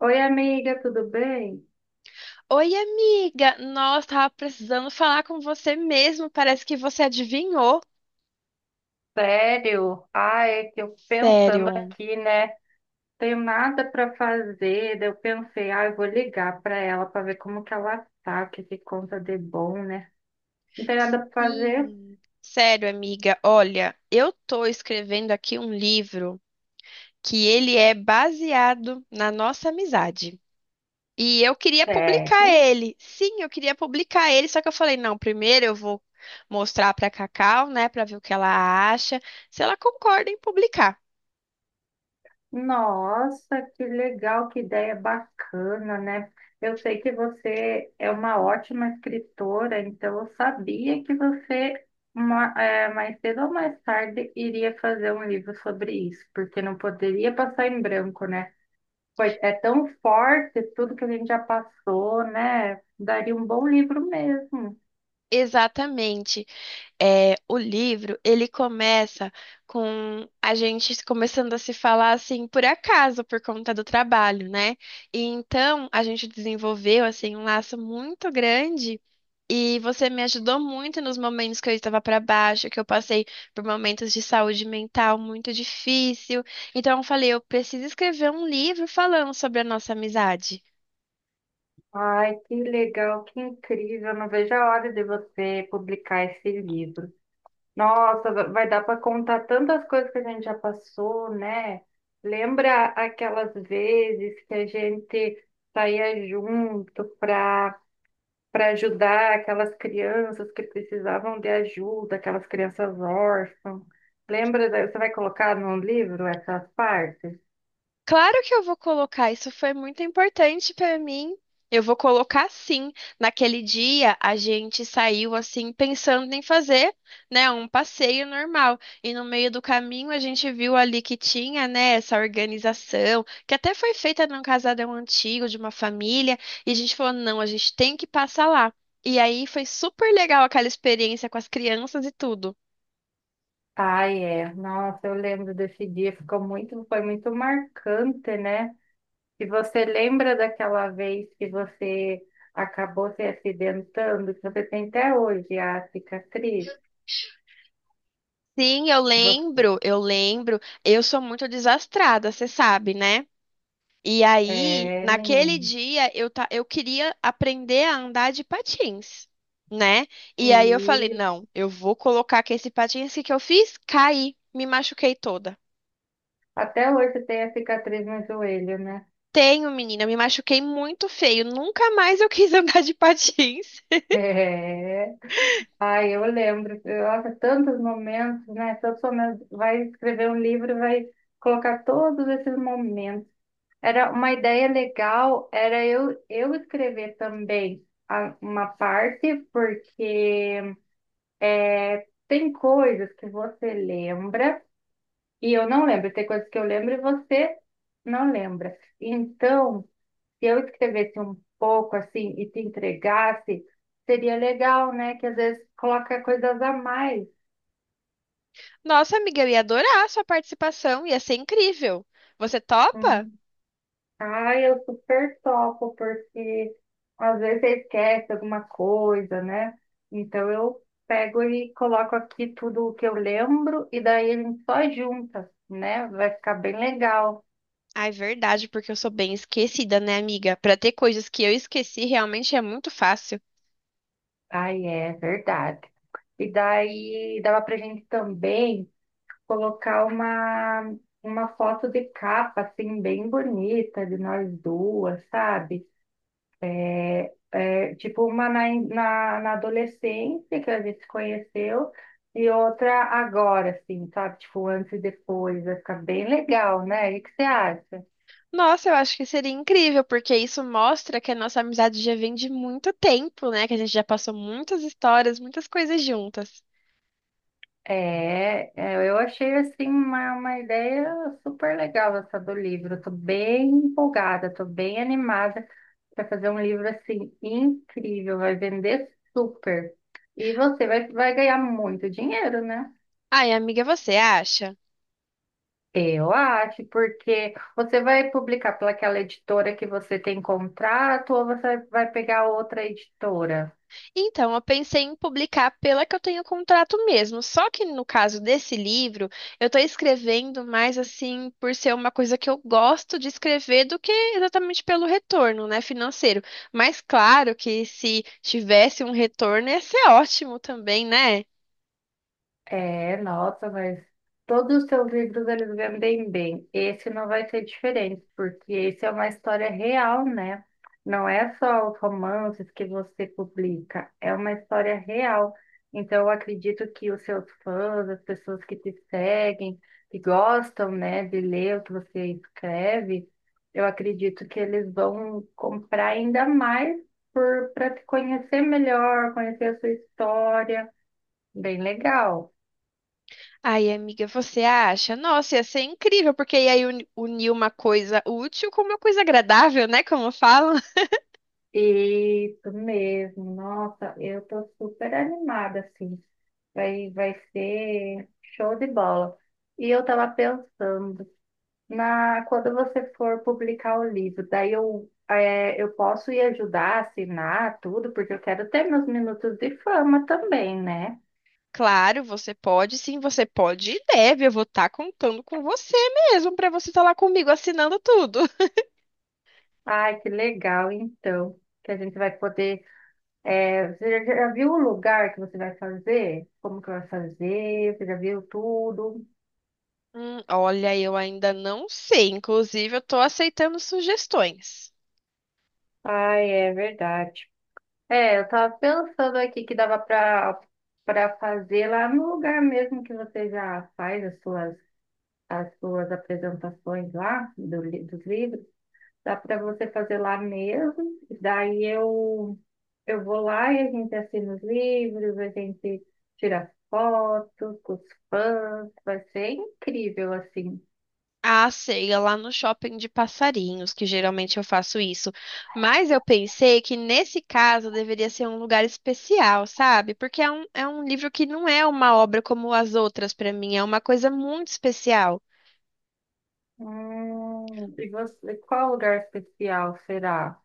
Oi, amiga, tudo bem? Oi, amiga! Nossa, tava precisando falar com você mesmo. Parece que você adivinhou. Sério? Ah, é que eu pensando Sério. aqui, né? Tenho nada para fazer. Daí eu pensei, ah, eu vou ligar para ela para ver como que ela tá, o que que conta de bom, né? Não tem nada para fazer? Sim. Sério, amiga. Olha, eu tô escrevendo aqui um livro que ele é baseado na nossa amizade. E eu queria publicar Sério? ele. Sim, eu queria publicar ele, só que eu falei, não, primeiro eu vou mostrar pra Cacau, né, pra ver o que ela acha, se ela concorda em publicar. Nossa, que legal, que ideia bacana, né? Eu sei que você é uma ótima escritora, então eu sabia que você mais cedo ou mais tarde iria fazer um livro sobre isso, porque não poderia passar em branco, né? Pois é tão forte tudo que a gente já passou, né? Daria um bom livro mesmo. Exatamente. É, o livro, ele começa com a gente começando a se falar assim por acaso, por conta do trabalho, né? E então a gente desenvolveu assim um laço muito grande. E você me ajudou muito nos momentos que eu estava para baixo, que eu passei por momentos de saúde mental muito difícil. Então eu falei, eu preciso escrever um livro falando sobre a nossa amizade. Ai, que legal, que incrível. Não vejo a hora de você publicar esse livro. Nossa, vai dar para contar tantas coisas que a gente já passou, né? Lembra aquelas vezes que a gente saía junto para ajudar aquelas crianças que precisavam de ajuda, aquelas crianças órfãs? Lembra? Você vai colocar no livro essas partes? Claro que eu vou colocar, isso foi muito importante para mim. Eu vou colocar sim. Naquele dia a gente saiu assim pensando em fazer, né, um passeio normal. E no meio do caminho a gente viu ali que tinha, né, essa organização, que até foi feita num casarão antigo de uma família, e a gente falou, não, a gente tem que passar lá. E aí foi super legal aquela experiência com as crianças e tudo. Ai, é. Nossa, eu lembro desse dia, foi muito marcante, né? Se você lembra daquela vez que você acabou se acidentando, que você tem até hoje a cicatriz, Sim, eu você, lembro, eu lembro. Eu sou muito desastrada, você sabe, né? E aí, é, naquele menino, dia, eu queria aprender a andar de patins, né? E aí eu falei, e não, eu vou colocar que esse patins. O que que eu fiz, caí, me machuquei toda. até hoje tem a cicatriz no joelho, né? Tenho, menina, me machuquei muito feio. Nunca mais eu quis andar de patins. É. Ai, eu lembro, nossa, tantos momentos, né? Tantos momentos. Vai escrever um livro, vai colocar todos esses momentos. Era uma ideia legal, era eu escrever também uma parte, porque é, tem coisas que você lembra. E eu não lembro, tem coisas que eu lembro e você não lembra. Então, se eu escrevesse um pouco assim e te entregasse, seria legal, né? Que às vezes coloca coisas a mais. Nossa, amiga, eu ia adorar a sua participação, ia ser incrível. Você topa? Uhum. Ah, eu super topo, porque às vezes você esquece alguma coisa, né? Então eu pego e coloco aqui tudo o que eu lembro e daí a gente só junta, né? Vai ficar bem legal. Ah, é verdade, porque eu sou bem esquecida, né, amiga? Pra ter coisas que eu esqueci, realmente é muito fácil. Ai, é verdade. E daí dava pra gente também colocar uma foto de capa, assim, bem bonita de nós duas, sabe? É, tipo uma na adolescência que a gente se conheceu e outra agora, assim, sabe? Tipo, antes e depois. Vai ficar bem legal, né? O que você acha? Nossa, eu acho que seria incrível, porque isso mostra que a nossa amizade já vem de muito tempo, né? Que a gente já passou muitas histórias, muitas coisas juntas. Eu achei, assim, uma ideia super legal essa do livro. Estou bem empolgada, estou bem animada. Vai fazer um livro assim incrível, vai vender super. E você vai ganhar muito dinheiro, né? Ai, amiga, você acha? Eu acho, porque você vai publicar pelaquela editora que você tem contrato ou você vai pegar outra editora? Então, eu pensei em publicar pela que eu tenho contrato mesmo. Só que no caso desse livro, eu tô escrevendo mais assim por ser uma coisa que eu gosto de escrever do que exatamente pelo retorno, né, financeiro. Mas claro que se tivesse um retorno ia ser ótimo também, né? É, nossa, mas todos os seus livros eles vendem bem. Esse não vai ser diferente, porque esse é uma história real, né? Não é só os romances que você publica, é uma história real. Então, eu acredito que os seus fãs, as pessoas que te seguem, que gostam, né, de ler o que você escreve, eu acredito que eles vão comprar ainda mais por para te conhecer melhor, conhecer a sua história. Bem legal. Ai, amiga, você acha? Nossa, ia ser incrível, porque ia unir uma coisa útil com uma coisa agradável, né? Como falam. Isso mesmo, nossa, eu tô super animada, assim, vai ser show de bola. E eu tava pensando, na, quando você for publicar o livro, daí eu, é, eu posso ir ajudar, a assinar tudo, porque eu quero ter meus minutos de fama também, né? Claro, você pode, sim, você pode e deve. Eu vou estar contando com você mesmo para você estar lá comigo assinando tudo. Ai, que legal, então, que a gente vai poder, é, você já viu o lugar que você vai fazer? Como que vai fazer? Você já viu tudo? Olha, eu ainda não sei. Inclusive, eu tô aceitando sugestões. Ai, é verdade. É, eu tava pensando aqui que dava para fazer lá no lugar mesmo que você já faz as suas apresentações lá do, dos livros. Dá para você fazer lá mesmo. Daí eu vou lá e a gente assina os livros, a gente tira fotos com os fãs. Vai ser incrível assim. A ceia lá no shopping de passarinhos, que geralmente eu faço isso. Mas eu pensei que nesse caso deveria ser um lugar especial, sabe? Porque é um livro que não é uma obra como as outras para mim, é uma coisa muito especial. E você, qual lugar especial será?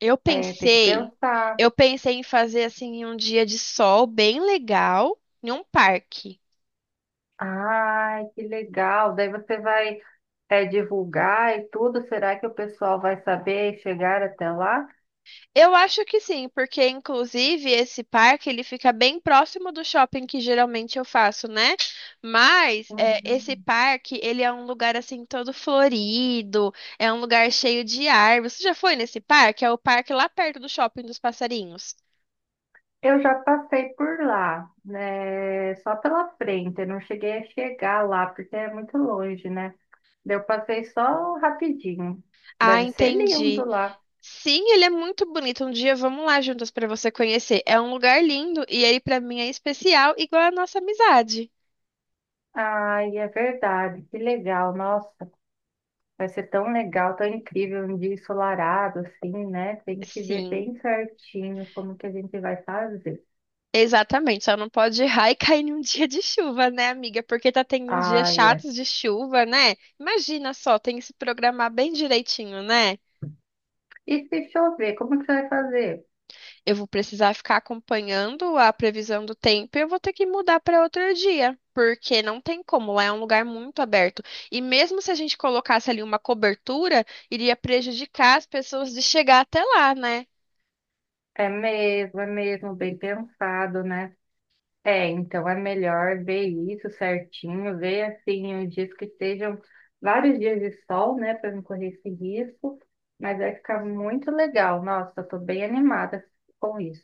Eu É, tem que pensei, pensar. eu pensei em fazer assim em um dia de sol bem legal, em um parque. Ai, que legal. Daí você vai é, divulgar e tudo. Será que o pessoal vai saber e chegar até lá? Eu acho que sim, porque inclusive esse parque ele fica bem próximo do shopping que geralmente eu faço, né? Mas é, esse Uhum. parque ele é um lugar assim todo florido, é um lugar cheio de árvores. Você já foi nesse parque? É o parque lá perto do shopping dos passarinhos. Eu já passei por lá, né? Só pela frente. Eu não cheguei a chegar lá, porque é muito longe, né? Daí eu passei só rapidinho. Ah, Deve ser lindo entendi. lá. Sim, ele é muito bonito. Um dia vamos lá juntas para você conhecer. É um lugar lindo e ele para mim é especial, igual a nossa amizade. Ai, é verdade. Que legal. Nossa, vai ser tão legal, tão incrível. Um dia ensolarado, assim, né? Tem que ver Sim. bem certinho como que a gente vai fazer. Exatamente, só não pode errar e cair em um dia de chuva, né, amiga? Porque tá tendo uns dias Ah, é. chatos de chuva, né? Imagina só, tem que se programar bem direitinho, né? E se chover, como que você vai fazer? Eu vou precisar ficar acompanhando a previsão do tempo e eu vou ter que mudar para outro dia, porque não tem como, lá é um lugar muito aberto. E mesmo se a gente colocasse ali uma cobertura, iria prejudicar as pessoas de chegar até lá, né? É mesmo, bem pensado, né? É, então é melhor ver isso certinho, ver assim os dias que estejam vários dias de sol, né, para não correr esse risco. Mas vai ficar muito legal. Nossa, eu tô bem animada com isso.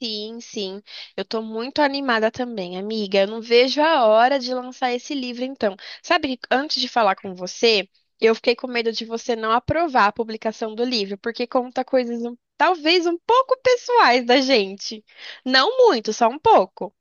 Sim, sim. Eu tô muito animada também, amiga. Eu não vejo a hora de lançar esse livro, então. Sabe, que antes de falar com você, eu fiquei com medo de você não aprovar a publicação do livro, porque conta coisas talvez um pouco pessoais da gente. Não muito, só um pouco.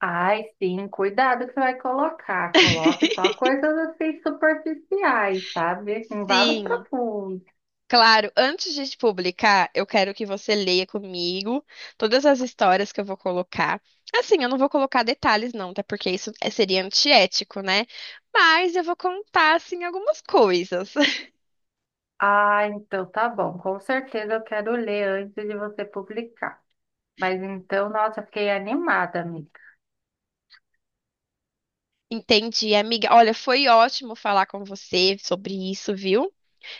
Ai, sim, cuidado que você vai colocar. Coloque só coisas assim superficiais, sabe? Não vá muito Sim. profundo. Claro, antes de te publicar, eu quero que você leia comigo todas as histórias que eu vou colocar. Assim, eu não vou colocar detalhes, não, até porque seria antiético, né? Mas eu vou contar, assim, algumas coisas. Ah, então tá bom. Com certeza eu quero ler antes de você publicar. Mas então, nossa, fiquei animada, amiga. Entendi, amiga. Olha, foi ótimo falar com você sobre isso, viu?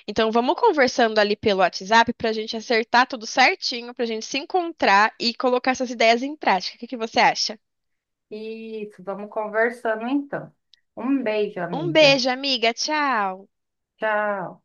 Então, vamos conversando ali pelo WhatsApp pra gente acertar tudo certinho, pra gente se encontrar e colocar essas ideias em prática. O que que você acha? Isso, vamos conversando então. Um beijo, Um amiga. beijo, amiga. Tchau. Tchau.